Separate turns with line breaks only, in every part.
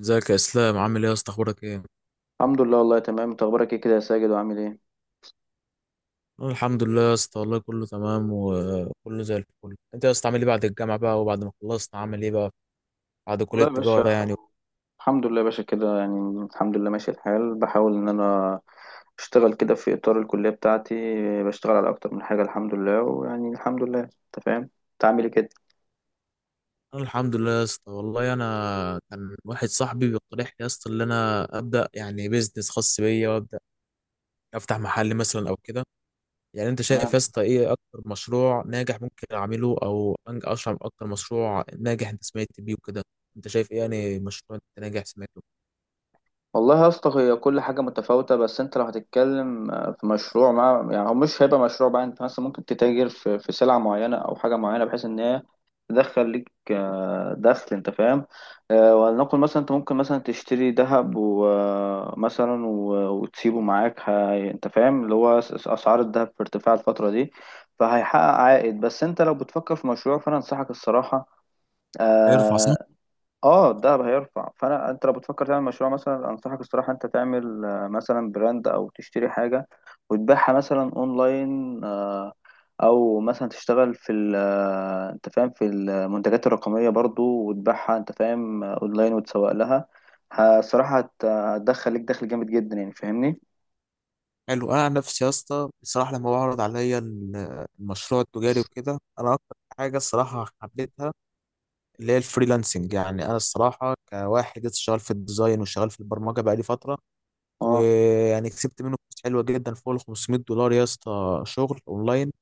ازيك يا اسلام؟ عامل ايه يا اسطى؟ اخبارك ايه؟
الحمد لله والله تمام. انت اخبارك ايه كده يا ساجد؟ وعامل ايه؟
أنا الحمد لله يا اسطى، والله كله تمام وكله زي الفل. انت يا اسطى عامل ايه بعد الجامعه بقى؟ وبعد ما خلصت عامل ايه بقى؟ بعد كليه
والله يا باشا.
التجاره يعني.
الحمد لله يا باشا كده، يعني الحمد لله ماشي الحال. بحاول ان انا اشتغل كده في اطار الكليه بتاعتي، بشتغل على اكتر من حاجه الحمد لله. ويعني الحمد لله انت فاهم. انت عامل ايه كده؟
انا الحمد لله يا اسطى، والله انا كان واحد صاحبي بيقترح لي يا اسطى ان انا ابدا يعني بيزنس خاص بيا، وابدا افتح محل مثلا او كده. يعني انت شايف يا اسطى ايه اكتر مشروع ناجح ممكن اعمله، او اشرح اكتر مشروع ناجح انت سمعت بيه وكده. انت شايف ايه يعني مشروع انت ناجح سمعته؟
والله يا اسطى هي كل حاجة متفاوتة. بس انت لو هتتكلم في مشروع، مع يعني هو مش هيبقى مشروع بقى. انت مثلا ممكن تتاجر في سلعة معينة او حاجة معينة بحيث ان هي تدخل ليك دخل. انت فاهم؟ ولنقل مثلا انت ممكن مثلا تشتري ذهب ومثلا وتسيبه معاك. انت فاهم اللي هو اسعار الذهب في ارتفاع الفترة دي، فهيحقق عائد. بس انت لو بتفكر في مشروع فانا انصحك الصراحة.
هيرفع.
آه، اه الدهب هيرفع. فانا انت لو بتفكر تعمل مشروع مثلا انصحك الصراحه انت تعمل مثلا براند او تشتري حاجه وتبيعها مثلا اونلاين. او مثلا تشتغل في انت فاهم في المنتجات الرقميه برضو وتبيعها. انت فاهم اونلاين وتسوق لها. الصراحه هتدخل لك دخل جامد جدا يعني فاهمني.
حلو. انا عن نفسي يا اسطى بصراحه لما بعرض عليا المشروع التجاري وكده، انا اكتر حاجه الصراحه حبيتها اللي هي الفريلانسنج. يعني انا الصراحه كواحد لسه شغال في الديزاين وشغال في البرمجه بقالي فتره،
اه
ويعني كسبت منه فلوس حلوه جدا فوق ال 500 دولار يا اسطى، شغل اونلاين.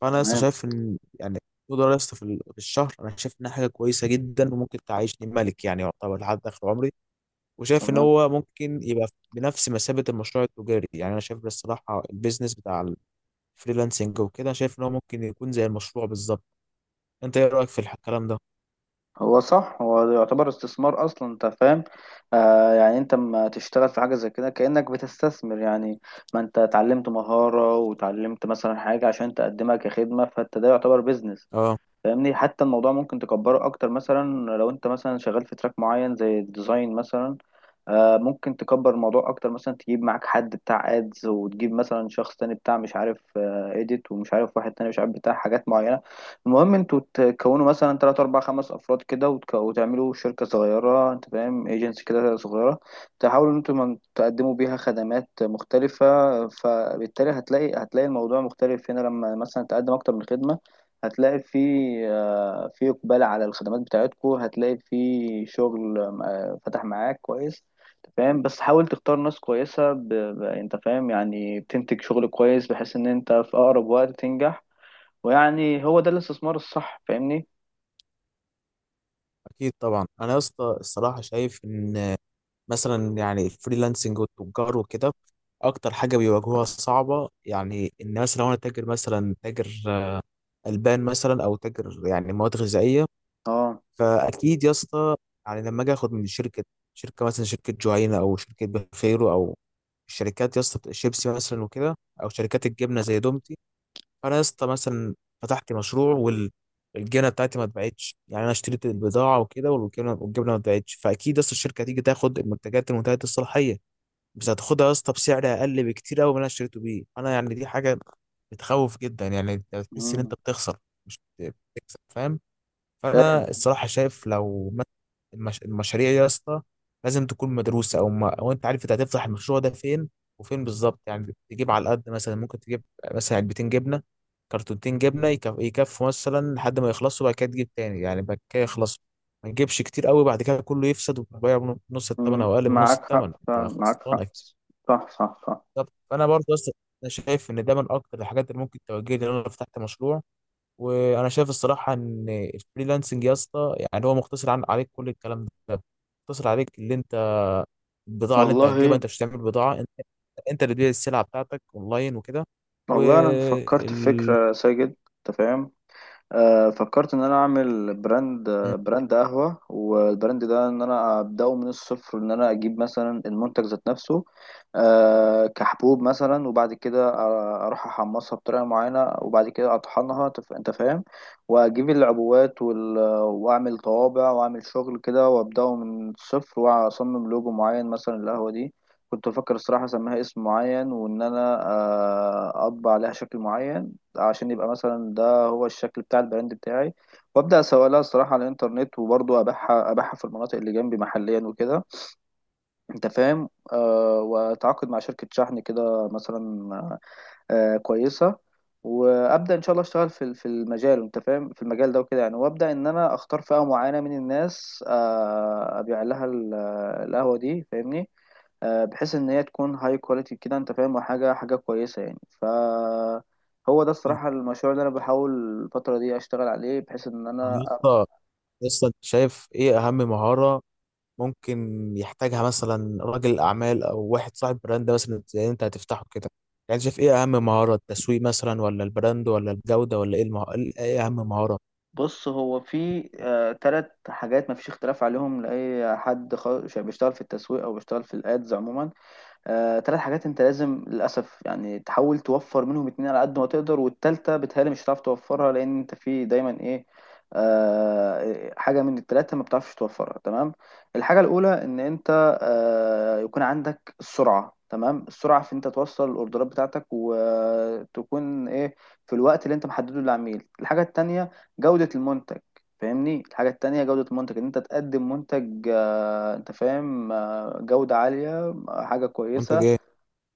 فانا لسه
تمام
شايف ان يعني 100 دولار يا اسطى في في الشهر، انا شايف انها حاجه كويسه جدا وممكن تعيشني ملك يعني، يعتبر لحد اخر عمري. وشايف ان
تمام.
هو ممكن يبقى بنفس مثابه المشروع التجاري. يعني انا شايف الصراحه البيزنس بتاع فريلانسنج وكده، شايف ان هو ممكن يكون زي المشروع بالظبط. انت ايه رايك في الكلام ده؟
هو صح. هو ده يعتبر استثمار اصلا انت فاهم. يعني انت لما تشتغل في حاجه زي كده كانك بتستثمر يعني. ما انت اتعلمت مهاره وتعلمت مثلا حاجه عشان تقدمها كخدمه، فانت ده يعتبر بيزنس
اه.
فاهمني. حتى الموضوع ممكن تكبره اكتر مثلا، لو انت مثلا شغال في تراك معين زي الديزاين مثلا ممكن تكبر الموضوع اكتر. مثلا تجيب معاك حد بتاع ادز، وتجيب مثلا شخص تاني بتاع مش عارف اديت، ومش عارف واحد تاني مش عارف بتاع حاجات معينة. المهم انتوا تكونوا مثلا تلات اربع خمس افراد كده، وتعملوا شركة صغيرة انت فاهم، ايجنسي كده صغيرة، تحاولوا ان انتوا تقدموا بيها خدمات مختلفة. فبالتالي هتلاقي الموضوع مختلف هنا لما مثلا تقدم اكتر من خدمة. هتلاقي في اقبال على الخدمات بتاعتكو، هتلاقي في شغل فتح معاك كويس. أنت فاهم. بس حاول تختار ناس كويسة انت فاهم، يعني بتنتج شغل كويس بحيث ان انت في اقرب وقت تنجح، ويعني هو ده الاستثمار الصح فاهمني.
اكيد طبعا. انا يا اسطى الصراحه شايف ان مثلا يعني الفريلانسنج والتجار وكده، اكتر حاجه بيواجهوها صعبه، يعني ان مثلا لو انا تاجر، مثلا تاجر البان مثلا، او تاجر يعني مواد غذائيه،
اه.
فاكيد يا اسطى يعني لما اجي اخد من شركه مثلا، شركه جوعينا او شركه بخيرو، او الشركات يا اسطى بتاع شيبسي مثلا وكده، او شركات الجبنه زي دومتي. انا يا اسطى مثلا فتحت مشروع، والجبنه بتاعتي ما اتباعتش. يعني انا اشتريت البضاعه وكده، والجبنه ما اتباعتش، فاكيد يا اسطى الشركه هتيجي تاخد المنتجات المنتهيه الصلاحيه، بس هتاخدها يا اسطى بسعر اقل بكتير قوي من اللي انا اشتريته بيه انا. يعني دي حاجه بتخوف جدا، يعني أنت بتحس ان انت
مم.
بتخسر مش بتكسب، فاهم.
فاهم.
فانا الصراحه شايف لو المشاريع يا اسطى لازم تكون مدروسه، او ما... او انت عارف انت هتفتح المشروع ده فين، وفين بالظبط. يعني تجيب على قد مثلا، ممكن تجيب مثلا علبتين جبنه، كرتونتين جبنه، يكفوا مثلا لحد ما يخلصوا، بعد كده تجيب تاني يعني، بعد كده يخلصوا. ما تجيبش كتير قوي بعد كده كله يفسد، وتبيع بنص الثمن
مم.
او اقل بنص
معاك
الثمن،
حق
انت
فعلا، معاك
خسران
حق.
اكيد.
صح صح صح.
بالظبط. فانا برضه اصلا انا شايف ان ده من اكتر الحاجات اللي ممكن توجهني ان انا لو فتحت مشروع. وانا شايف الصراحه ان الفريلانسنج يا اسطى يعني هو مختصر عن، عليك كل الكلام ده، مختصر عليك اللي انت، البضاعه اللي انت هتجيبها،
والله.
انت مش هتعمل بضاعه انت. انت اللي تبيع السلعه بتاعتك اونلاين وكده.
والله انا فكرت في
وال.
فكرة، ساجد. انت فاهم؟ فكرت ان انا اعمل براند. براند قهوة. والبراند ده ان انا ابداه من الصفر، ان انا اجيب مثلا المنتج ذات نفسه كحبوب مثلا. وبعد كده اروح احمصها بطريقة معينة، وبعد كده اطحنها انت فاهم، واجيب العبوات واعمل طوابع واعمل شغل كده، وابداه من الصفر، واصمم لوجو معين مثلا للقهوة دي. كنت بفكر الصراحة أسميها اسم معين، وإن أنا أطبع عليها شكل معين عشان يبقى مثلا هو الشكل بتاع البراند بتاعي. وابدا اسوق لها الصراحه على الانترنت، وبرضه ابيعها في المناطق اللي جنبي محليا وكده. انت فاهم واتعاقد مع شركه شحن كده مثلا كويسه، وابدا ان شاء الله اشتغل في المجال انت فاهم، في المجال ده وكده يعني. وابدا ان انا اختار فئه معينه من الناس ابيع لها القهوه دي فاهمني. بحيث ان هي تكون هاي كواليتي كده انت فاهم، وحاجه كويسه يعني. هو ده الصراحة المشروع اللي أنا بحاول الفترة دي أشتغل عليه، بحيث إن
طب
أنا
يا اسطى، يا اسطى انت شايف ايه اهم مهاره ممكن يحتاجها مثلا راجل اعمال او واحد صاحب براند، مثلا زي انت هتفتحه كده؟ يعني شايف ايه اهم مهاره؟ التسويق مثلا، ولا البراند، ولا الجوده، ولا ايه ايه اهم مهاره؟
بص، هو في 3 حاجات مفيش اختلاف عليهم لأي حد بيشتغل في التسويق أو بيشتغل في الأدز عموما. 3 حاجات انت لازم للاسف يعني تحاول توفر منهم 2 على قد ما تقدر، والتالتة بتهيألي مش هتعرف توفرها، لان انت في دايما ايه، حاجة من ال3 ما بتعرفش توفرها. تمام. الحاجة الأولى إن أنت يكون عندك السرعة. تمام، السرعة في أنت توصل الأوردرات بتاعتك، وتكون إيه في الوقت اللي أنت محدده للعميل. الحاجة التانية جودة المنتج فاهمني. الحاجة التانية جودة المنتج، إن أنت تقدم منتج أنت فاهم جودة عالية، حاجة
وانت جاي.
كويسة.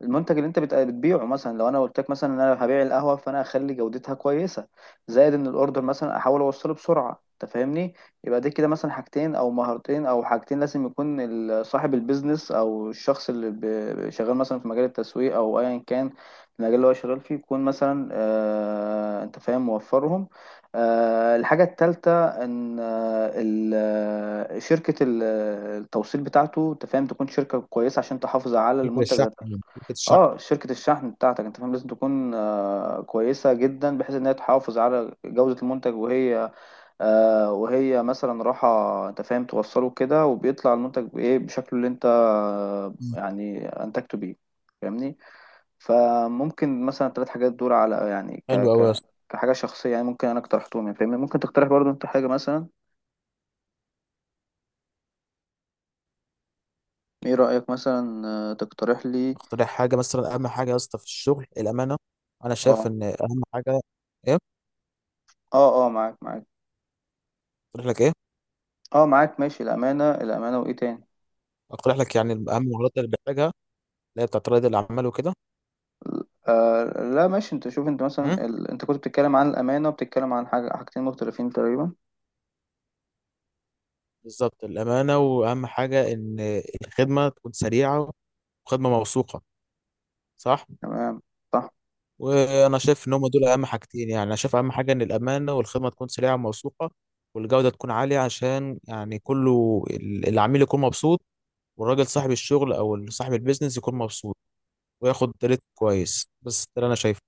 المنتج اللي انت بتبيعه مثلا، لو انا قلت لك مثلا ان انا هبيع القهوه فانا اخلي جودتها كويسه، زائد ان الاوردر مثلا احاول اوصله بسرعه انت فاهمني. يبقى دي كده مثلا حاجتين او مهارتين او حاجتين لازم يكون صاحب البيزنس او الشخص اللي شغال مثلا في مجال التسويق او ايا كان المجال اللي هو شغال فيه، يكون مثلا انت فاهم موفرهم. الحاجه الثالثه ان شركه التوصيل بتاعته انت فاهم، تكون شركه كويسه عشان تحافظ على
شركه
المنتج
الشحن
ده.
يعني، شركه الشحن.
اه، شركة الشحن بتاعتك انت فاهم لازم تكون كويسة جدا، بحيث انها تحافظ على جودة المنتج وهي وهي مثلا راحة انت فاهم توصله كده، وبيطلع المنتج بايه بشكله اللي انت
مم.
يعني انتجته بيه فاهمني. فممكن مثلا 3 حاجات دول على يعني ك
حلو قوي يا
ك
اسطى.
كحاجة شخصية، يعني ممكن انا اقترحتهم يعني فاهمني. ممكن تقترح برضو انت حاجة مثلا. ايه رأيك مثلا تقترح لي.
اقترح حاجه مثلا. اهم حاجه يا اسطى في الشغل الامانه، انا
اه
شايف ان اهم حاجه. ايه؟
اه اه، معاك معاك.
اقترح لك ايه؟
اه معاك ماشي، الأمانة الأمانة. وايه تاني؟
اقترح لك يعني اهم المهارات اللي بحتاجها، اللي هي بتاعت رائد الاعمال وكده.
آه لا ماشي. انت شوف، انت
مم.
مثلا انت كنت بتتكلم عن الامانه وبتتكلم عن حاجه، حاجتين مختلفين تقريبا.
بالظبط. الامانه، واهم حاجه ان الخدمه تكون سريعه وخدمه موثوقه، صح؟
تمام. صح.
وانا شايف ان هم دول اهم حاجتين. يعني انا شايف اهم حاجه ان الامانه، والخدمه تكون سريعه وموثوقه، والجوده تكون عاليه، عشان يعني كله العميل يكون مبسوط، والراجل صاحب الشغل او صاحب البيزنس يكون مبسوط وياخد ريت كويس. بس ده اللي انا شايفه.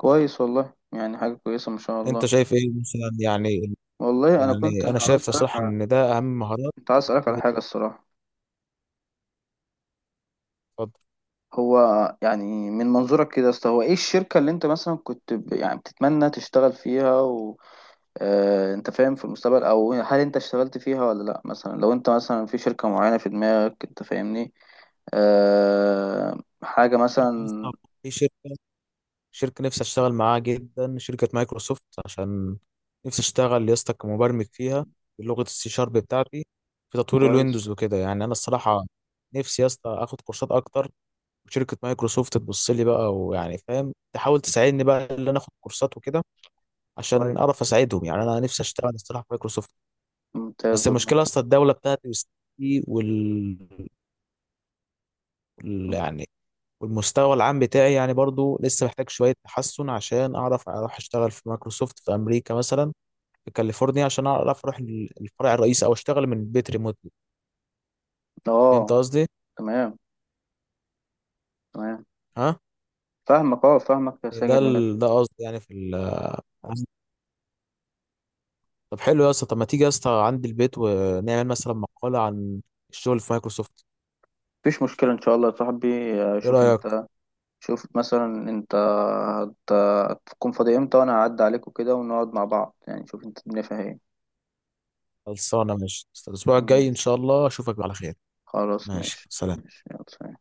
كويس والله، يعني حاجه كويسه ما شاء الله.
انت شايف ايه مثلا يعني؟
والله انا كنت
يعني انا
عايز
شايف
اسالك
صراحة
على.
ان ده اهم مهارات
كنت عايز اسالك على
اللي.
حاجه الصراحه.
بتتفضل.
هو يعني من منظورك كده يا اسطى، هو ايه الشركه اللي انت مثلا كنت يعني بتتمنى تشتغل فيها انت فاهم في المستقبل؟ او هل انت اشتغلت فيها ولا لا؟ مثلا لو انت مثلا في شركه معينه في دماغك انت فاهمني آه حاجه
شركة
مثلا.
لسه- في شركة، شركة نفسي اشتغل معاها جدا، شركة مايكروسوفت، عشان نفسي اشتغل يا اسطى كمبرمج فيها بلغة السي شارب بتاعتي، في تطوير الويندوز
كويس
وكده. يعني انا الصراحة نفسي يا اسطى اخد كورسات اكتر، وشركة مايكروسوفت تبص لي بقى، ويعني فاهم تحاول تساعدني بقى ان انا اخد كورسات وكده، عشان
كويس
اعرف اساعدهم. يعني انا نفسي اشتغل الصراحة في مايكروسوفت. بس
ممتاز والله.
المشكله اصلا الدوله بتاعتي وسياستي وال، يعني والمستوى العام بتاعي يعني برضو لسه محتاج شويه تحسن، عشان اعرف اروح اشتغل في مايكروسوفت في امريكا مثلا، في كاليفورنيا، عشان اعرف اروح الفرع الرئيسي، او اشتغل من البيت ريموتلي. فهمت
اه
قصدي؟
تمام تمام،
ها.
فاهمك اه فاهمك يا
إيه ده
ساجد بجد.
ده قصدي يعني في طب حلو يا اسطى. طب ما تيجي يا اسطى عندي البيت ونعمل مثلا مقاله عن الشغل في مايكروسوفت؟
مفيش مشكلة ان شاء الله يا صاحبي.
ايه
شوف
رايك؟
انت. شوف مثلا انت هتكون فاضي امتى، وانا هعدي عليك وكده ونقعد مع بعض يعني. شوف انت الدنيا فيها ايه.
خلصانه. ماشي. الاسبوع الجاي ان
ماشي.
شاء الله اشوفك على خير.
خلاص
ماشي،
ماشي
سلام.
ماشي. يلا سلام.